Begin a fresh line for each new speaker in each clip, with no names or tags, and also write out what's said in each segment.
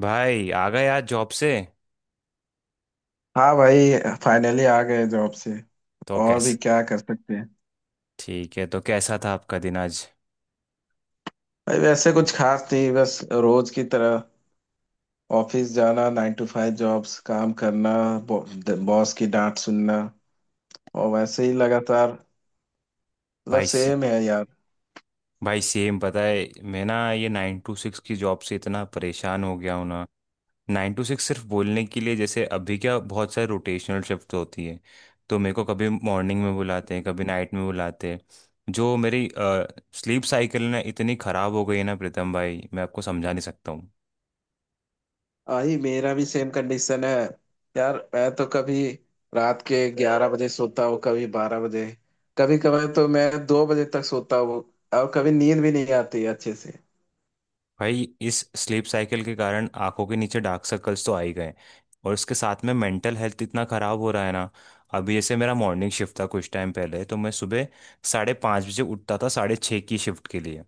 भाई आ गए आज जॉब से।
हाँ भाई। फाइनली आ गए जॉब से।
तो
और भी
कैसे?
क्या कर सकते हैं।
ठीक है, तो कैसा था आपका दिन आज?
भाई वैसे कुछ खास नहीं, बस रोज की तरह ऑफिस जाना, नाइन टू फाइव जॉब्स, काम करना, बॉस की डांट सुनना, और वैसे ही लगातार। मतलब
भाई से-
सेम है यार।
भाई सेम, पता है। मैं ना ये 9 to 6 की जॉब से इतना परेशान हो गया हूँ ना। 9 to 6 सिर्फ बोलने के लिए, जैसे अभी क्या बहुत सारे रोटेशनल शिफ्ट होती है। तो मेरे को कभी मॉर्निंग में बुलाते हैं, कभी नाइट में बुलाते हैं। जो मेरी स्लीप साइकिल ना इतनी खराब हो गई है ना प्रीतम भाई, मैं आपको समझा नहीं सकता।
आई मेरा भी सेम कंडीशन है यार। मैं तो कभी रात के ग्यारह बजे सोता हूँ, कभी बारह बजे, कभी कभार तो मैं दो बजे तक सोता हूँ, और कभी नींद भी नहीं आती अच्छे
भाई, इस स्लीप साइकिल के कारण आंखों के नीचे डार्क सर्कल्स तो आ ही गए। और इसके साथ में मेंटल हेल्थ इतना खराब हो रहा है ना। अभी जैसे मेरा मॉर्निंग शिफ्ट था कुछ टाइम पहले, तो मैं सुबह 5:30 बजे उठता था 6:30 की शिफ्ट के लिए।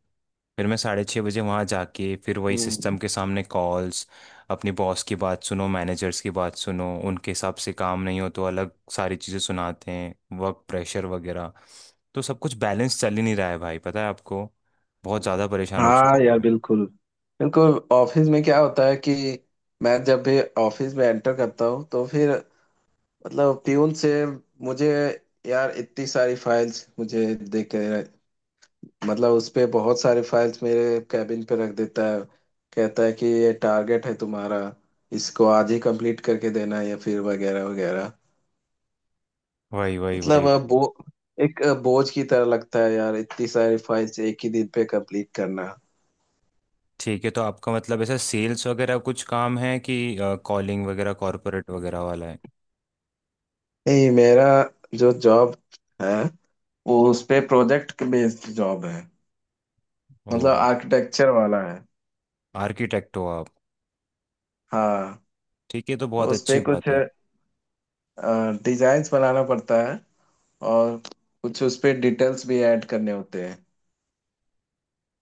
फिर मैं 6:30 बजे वहाँ जाके फिर वही
से।
सिस्टम के सामने कॉल्स, अपनी बॉस की बात सुनो, मैनेजर्स की बात सुनो, उनके हिसाब से काम नहीं हो तो अलग सारी चीज़ें सुनाते हैं, वर्क प्रेशर वगैरह। तो सब कुछ बैलेंस चल ही नहीं रहा है भाई, पता है आपको। बहुत ज़्यादा परेशान हो चुका
हाँ
हूँ
यार
मैं।
बिल्कुल। बिल्कुल। ऑफिस में क्या होता है कि मैं जब भी ऑफिस में एंटर करता हूँ तो फिर मतलब प्यून से मुझे यार इतनी सारी फाइल्स मुझे दे के, मतलब उस पे बहुत सारे फाइल्स मेरे कैबिन पे रख देता है। कहता है कि ये टारगेट है तुम्हारा, इसको आज ही कंप्लीट करके देना है या फिर वगैरह वगैरह।
वही वही
मतलब
वही
अ, बो
वही।
एक बोझ की तरह लगता है यार, इतनी सारी फाइल्स एक ही दिन पे कंप्लीट करना।
ठीक है, तो आपका मतलब ऐसा सेल्स वगैरह कुछ काम है कि कॉलिंग वगैरह, कॉरपोरेट वगैरह वाला है?
नहीं, मेरा जो जॉब है वो उस पे प्रोजेक्ट बेस्ड जॉब है। मतलब
ओ,
आर्किटेक्चर वाला है।
आर्किटेक्ट हो आप?
हाँ।
ठीक है, तो
तो
बहुत
उस
अच्छी
पे कुछ
बात है।
डिजाइन्स बनाना पड़ता है, और कुछ उस पे डिटेल्स भी ऐड करने होते हैं।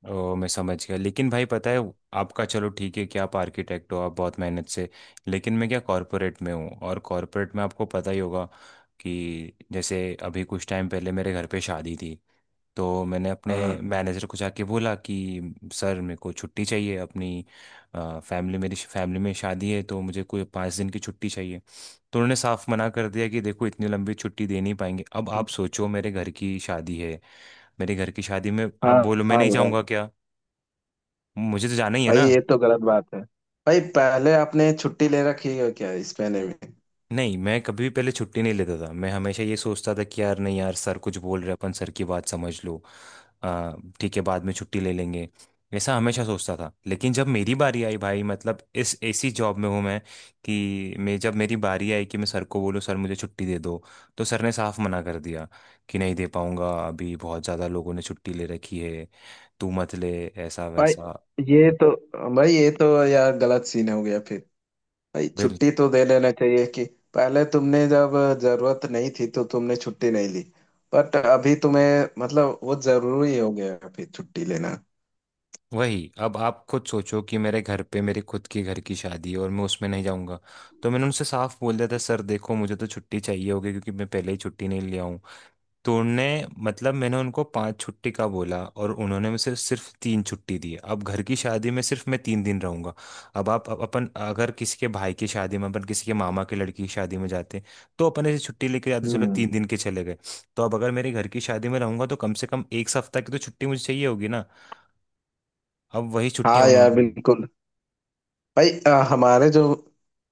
ओ, मैं समझ गया। लेकिन भाई पता है, आपका चलो ठीक है कि आप आर्किटेक्ट हो, आप बहुत मेहनत से। लेकिन मैं क्या कॉरपोरेट में हूँ, और कॉरपोरेट में आपको पता ही होगा कि जैसे अभी कुछ टाइम पहले मेरे घर पे शादी थी। तो मैंने अपने
हाँ।
मैनेजर को जाके बोला कि सर मेरे को छुट्टी चाहिए, अपनी फैमिली, मेरी फैमिली में शादी है, तो मुझे कोई 5 दिन की छुट्टी चाहिए। तो उन्होंने साफ मना कर दिया कि देखो इतनी लंबी छुट्टी दे नहीं पाएंगे। अब आप सोचो, मेरे घर की शादी है, मेरे घर की शादी में आप
हाँ।
बोलो मैं
हाँ
नहीं
यार।
जाऊँगा क्या? मुझे तो जाना ही है
भाई
ना।
ये तो गलत बात है। भाई पहले आपने छुट्टी ले रखी है क्या इस महीने में?
नहीं, मैं कभी भी पहले छुट्टी नहीं लेता था। मैं हमेशा ये सोचता था कि यार नहीं यार, सर कुछ बोल रहे हैं, अपन सर की बात समझ लो। आ, ठीक है, बाद में छुट्टी ले लेंगे। ऐसा हमेशा सोचता था, लेकिन जब मेरी बारी आई भाई, मतलब इस ऐसी जॉब में हूँ मैं कि मैं जब मेरी बारी आई कि मैं सर को बोलूँ सर मुझे छुट्टी दे दो, तो सर ने साफ मना कर दिया कि नहीं दे पाऊंगा, अभी बहुत ज़्यादा लोगों ने छुट्टी ले रखी है, तू मत ले, ऐसा
भाई
वैसा।
ये तो भाई ये तो यार गलत सीन हो गया फिर। भाई छुट्टी तो दे लेना चाहिए। कि पहले तुमने जब जरूरत नहीं थी तो तुमने छुट्टी नहीं ली, बट अभी तुम्हें मतलब वो जरूरी हो गया है अभी छुट्टी लेना।
वही, अब आप खुद सोचो कि मेरे घर पे, मेरे खुद के घर की शादी है और मैं उसमें नहीं जाऊंगा? तो मैंने उनसे साफ बोल दिया था सर देखो मुझे तो छुट्टी चाहिए होगी, क्योंकि मैं पहले ही छुट्टी नहीं लिया हूँ। तो उनने, मतलब मैंने उनको 5 छुट्टी का बोला, और उन्होंने मुझे सिर्फ सिर्फ 3 छुट्टी दी। अब घर की शादी में सिर्फ मैं 3 दिन रहूंगा। अब आप अपन अगर किसी के भाई की शादी में, अपन किसी के मामा की लड़की की शादी में जाते तो अपन ऐसे छुट्टी लेके जाते, चलो
हम्म।
3 दिन के चले गए। तो अब अगर मेरे घर की शादी में रहूंगा तो कम से कम 1 सप्ताह की तो छुट्टी मुझे चाहिए होगी ना। अब वही
हाँ
छुट्टियां
यार
उन्होंने ली।
बिल्कुल। भाई हमारे जो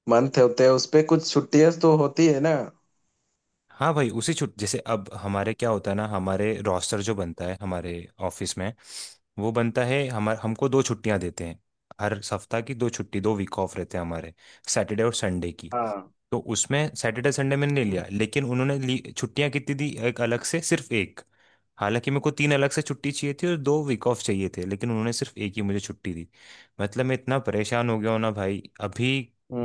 मंथ होते हैं उस पे कुछ छुट्टियां तो होती है ना।
हाँ भाई, उसी छुट जैसे, अब हमारे क्या होता है ना, हमारे रोस्टर जो बनता है हमारे ऑफिस में, वो बनता है हमारे, हमको 2 छुट्टियां देते हैं, हर सप्ताह की 2 छुट्टी, 2 वीक ऑफ रहते हैं हमारे सैटरडे और संडे की।
हाँ।
तो उसमें सैटरडे संडे मैंने नहीं लिया, लेकिन उन्होंने छुट्टियां कितनी दी, एक, अलग से सिर्फ एक। हालांकि मेरे को 3 अलग से छुट्टी चाहिए थी और 2 वीक ऑफ चाहिए थे, लेकिन उन्होंने सिर्फ एक ही मुझे छुट्टी दी। मतलब मैं इतना परेशान हो गया हूं ना भाई अभी,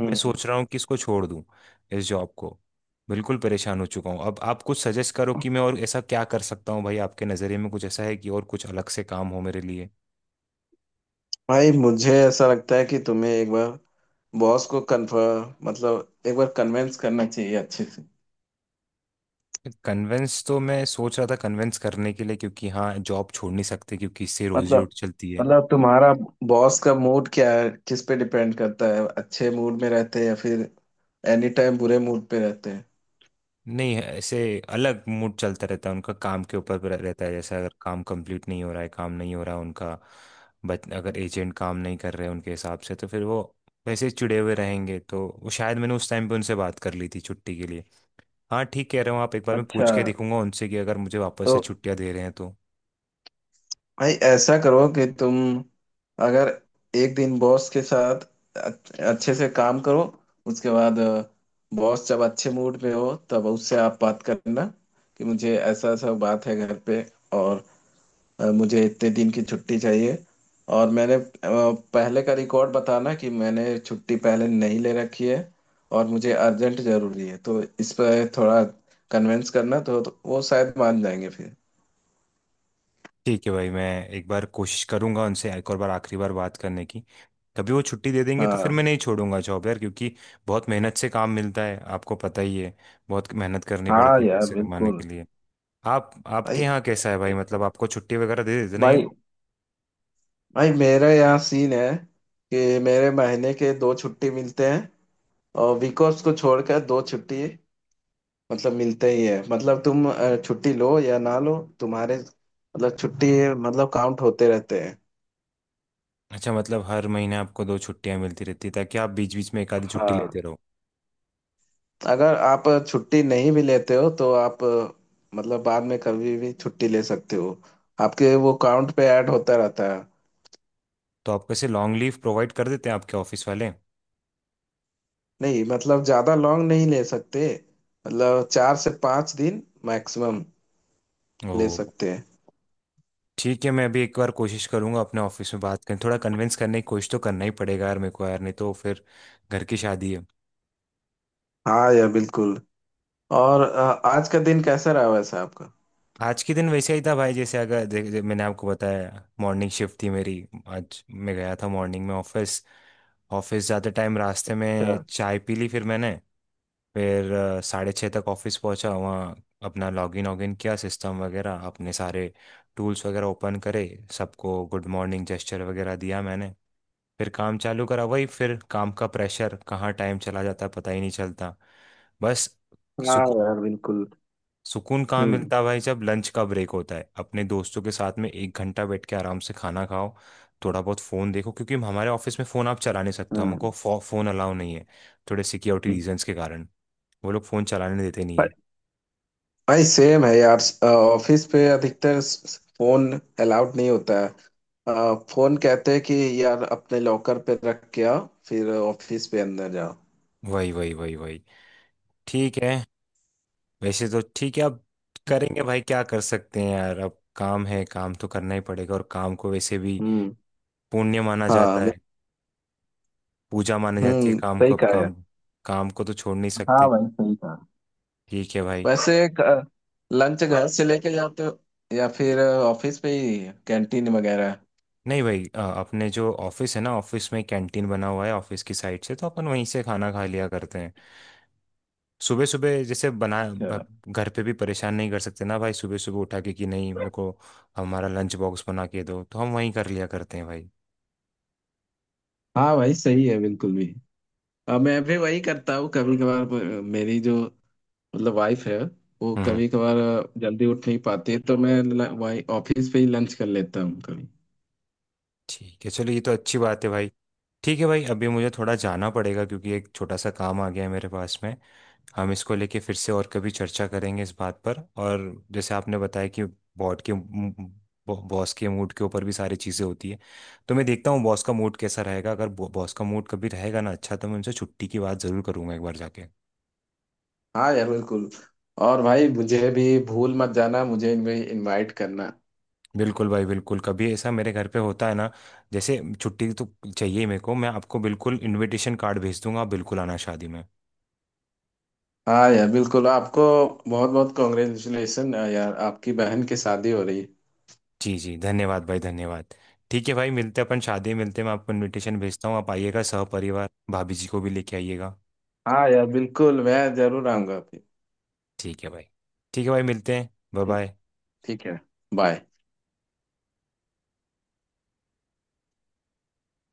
मैं सोच रहा हूँ कि इसको छोड़ दूं, इस जॉब को। बिल्कुल परेशान हो चुका हूँ। अब आप कुछ सजेस्ट करो कि मैं और ऐसा क्या कर सकता हूँ भाई, आपके नज़रिए में कुछ ऐसा है कि और कुछ अलग से काम हो मेरे लिए?
भाई मुझे ऐसा लगता है कि तुम्हें एक बार बॉस को कन्फर्म मतलब एक बार कन्विंस करना चाहिए अच्छे से।
कन्वेंस तो मैं सोच रहा था, कन्वेंस करने के लिए, क्योंकि हाँ जॉब छोड़ नहीं सकते क्योंकि इससे रोजी
मतलब
रोटी चलती है।
मतलब तुम्हारा बॉस का मूड क्या है, किस पे डिपेंड करता है? अच्छे मूड में रहते हैं या फिर एनी टाइम बुरे मूड पे रहते हैं?
नहीं ऐसे, अलग मूड चलता रहता है उनका, काम के ऊपर रहता है। जैसे अगर काम कंप्लीट नहीं हो रहा है, काम नहीं हो रहा उनका, बच अगर एजेंट काम नहीं कर रहे उनके हिसाब से, तो फिर वो वैसे ही चिड़े हुए रहेंगे। तो वो शायद, मैंने उस टाइम पे उनसे बात कर ली थी छुट्टी के लिए। हाँ, ठीक कह रहे हो आप, एक बार मैं
अच्छा।
पूछ के देखूंगा उनसे कि अगर मुझे वापस से
तो
छुट्टियां दे रहे हैं तो।
भाई ऐसा करो कि तुम अगर एक दिन बॉस के साथ अच्छे से काम करो। उसके बाद बॉस जब अच्छे मूड में हो तब उससे आप बात करना कि मुझे ऐसा ऐसा बात है घर पे, और मुझे इतने दिन की छुट्टी चाहिए। और मैंने पहले का रिकॉर्ड बताना कि मैंने छुट्टी पहले नहीं ले रखी है, और मुझे अर्जेंट जरूरी है। तो इस पर थोड़ा कन्विंस करना तो वो शायद मान जाएंगे फिर।
ठीक है भाई, मैं एक बार कोशिश करूंगा उनसे, एक और बार, आखिरी बार बात करने की। कभी वो छुट्टी दे देंगे तो फिर
हाँ।
मैं नहीं छोड़ूंगा जॉब यार, क्योंकि बहुत मेहनत से काम मिलता है आपको पता ही है। बहुत मेहनत करनी
हाँ
पड़ती है
यार
पैसे कमाने
बिल्कुल।
के लिए। आप,
भाई
आपके यहाँ कैसा है भाई,
ए-
मतलब आपको छुट्टी वगैरह दे देते ना ये
भाई
लोग?
भाई मेरे यहाँ सीन है कि मेरे महीने के दो छुट्टी मिलते हैं, और वीक ऑफ्स को छोड़कर दो छुट्टी मतलब मिलते ही है। मतलब तुम छुट्टी लो या ना लो तुम्हारे मतलब छुट्टी मतलब काउंट होते रहते हैं।
अच्छा, मतलब हर महीने आपको 2 छुट्टियां मिलती रहती है, ताकि आप बीच बीच में एक आधी छुट्टी
हाँ।
लेते रहो।
अगर आप छुट्टी नहीं भी लेते हो तो आप मतलब बाद में कभी भी छुट्टी ले सकते हो। आपके वो काउंट पे ऐड होता रहता है।
तो आप कैसे लॉन्ग लीव प्रोवाइड कर देते हैं आपके ऑफिस वाले?
नहीं, मतलब ज्यादा लॉन्ग नहीं ले सकते। मतलब चार से पाँच दिन मैक्सिमम
ओ,
ले सकते हैं।
ठीक है, मैं अभी एक बार कोशिश करूंगा अपने ऑफिस में बात करने, थोड़ा कन्विंस करने की कोशिश तो करना ही पड़ेगा यार मेरे को यार, नहीं तो फिर घर की शादी है।
हाँ यार बिल्कुल। और आज का दिन कैसा रहा वैसे आपका?
आज के दिन वैसे ही था भाई, जैसे अगर दे, दे, मैंने आपको बताया मॉर्निंग शिफ्ट थी मेरी। आज मैं गया था मॉर्निंग में ऑफिस। ऑफिस जाते टाइम रास्ते
अच्छा।
में चाय पी ली, फिर मैंने, फिर 6:30 तक ऑफिस पहुंचा वहाँ, अपना लॉगिन वॉगिन किया, सिस्टम वगैरह अपने सारे टूल्स वगैरह ओपन करे। सबको गुड मॉर्निंग जेस्चर वगैरह दिया मैंने। फिर काम चालू करा, वही फिर काम का प्रेशर, कहाँ टाइम चला जाता है पता ही नहीं चलता। बस,
हाँ
सुकून,
यार बिल्कुल।
सुकून कहाँ
हम्म।
मिलता है भाई, जब लंच का ब्रेक होता है अपने दोस्तों के साथ में 1 घंटा बैठ के आराम से खाना खाओ, थोड़ा बहुत फ़ोन देखो, क्योंकि हमारे ऑफिस में फ़ोन आप चला नहीं सकते हो, हमको
हाँ।
फ़ोन अलाउ नहीं है, थोड़े सिक्योरिटी
हम्म।
रीजंस के कारण। वो लोग फ़ोन चलाने देते नहीं है।
भाई सेम है यार। ऑफिस पे अधिकतर फोन अलाउड नहीं होता है। फोन कहते हैं कि यार अपने लॉकर पे रख के आओ फिर ऑफिस पे अंदर जाओ।
वही वही वही वही। ठीक है। वैसे तो ठीक है, अब करेंगे भाई, क्या कर सकते हैं यार, अब काम है, काम तो करना ही पड़ेगा। और काम को वैसे भी
हम्म।
पुण्य माना
हाँ
जाता
मैं-
है, पूजा मानी जाती है
हम्म,
काम
सही
को। अब
कहा यार।
काम, काम को तो छोड़ नहीं
हाँ
सकते।
भाई सही कहा।
ठीक है भाई।
वैसे लंच घर से लेके जाते हो या फिर ऑफिस पे ही कैंटीन वगैरह?
नहीं भाई, अपने जो ऑफिस है ना, ऑफिस में कैंटीन बना हुआ है ऑफिस की साइड से, तो अपन वहीं से खाना खा लिया करते हैं। सुबह सुबह जैसे
अच्छा।
घर पे भी परेशान नहीं कर सकते ना भाई, सुबह सुबह उठा के कि नहीं मेरे को हमारा लंच बॉक्स बना के दो, तो हम वहीं कर लिया करते हैं भाई।
हाँ भाई सही है बिल्कुल भी। मैं भी वही करता हूँ कभी कभार। मेरी जो मतलब वाइफ है वो
हम्म।
कभी कभार जल्दी उठ नहीं पाती है, तो मैं ल- वाई ऑफिस पे ही लंच कर लेता हूँ कभी।
ठीक है, चलो ये तो अच्छी बात है भाई। ठीक है भाई, अभी मुझे थोड़ा जाना पड़ेगा क्योंकि एक छोटा सा काम आ गया है मेरे पास में। हम इसको लेके फिर से और कभी चर्चा करेंगे इस बात पर। और जैसे आपने बताया कि बॉट के बॉस के मूड के ऊपर भी सारी चीज़ें होती है, तो मैं देखता हूँ बॉस का मूड कैसा रहेगा, अगर बॉस का मूड कभी रहेगा ना अच्छा, तो मैं उनसे छुट्टी की बात ज़रूर करूंगा एक बार जाके।
हाँ यार बिल्कुल। और भाई मुझे भी भूल मत जाना, मुझे भी इनवाइट करना।
बिल्कुल भाई, बिल्कुल, कभी ऐसा मेरे घर पे होता है ना, जैसे छुट्टी तो चाहिए ही मेरे को, मैं आपको बिल्कुल इनविटेशन कार्ड भेज दूंगा, आप बिल्कुल आना शादी में।
हाँ यार बिल्कुल। आपको बहुत बहुत कॉन्ग्रेचुलेसन यार, आपकी बहन की शादी हो रही है।
जी जी, धन्यवाद भाई, धन्यवाद। ठीक है भाई, मिलते हैं, अपन शादी में मिलते हैं, मैं आपको इनविटेशन भेजता हूँ, आप आइएगा सहपरिवार, भाभी जी को भी लेके आइएगा।
हाँ यार बिल्कुल, मैं जरूर आऊंगा आपके।
ठीक है भाई। ठीक है भाई, मिलते हैं। बाय
ठीक
बाय।
ठीक है। बाय।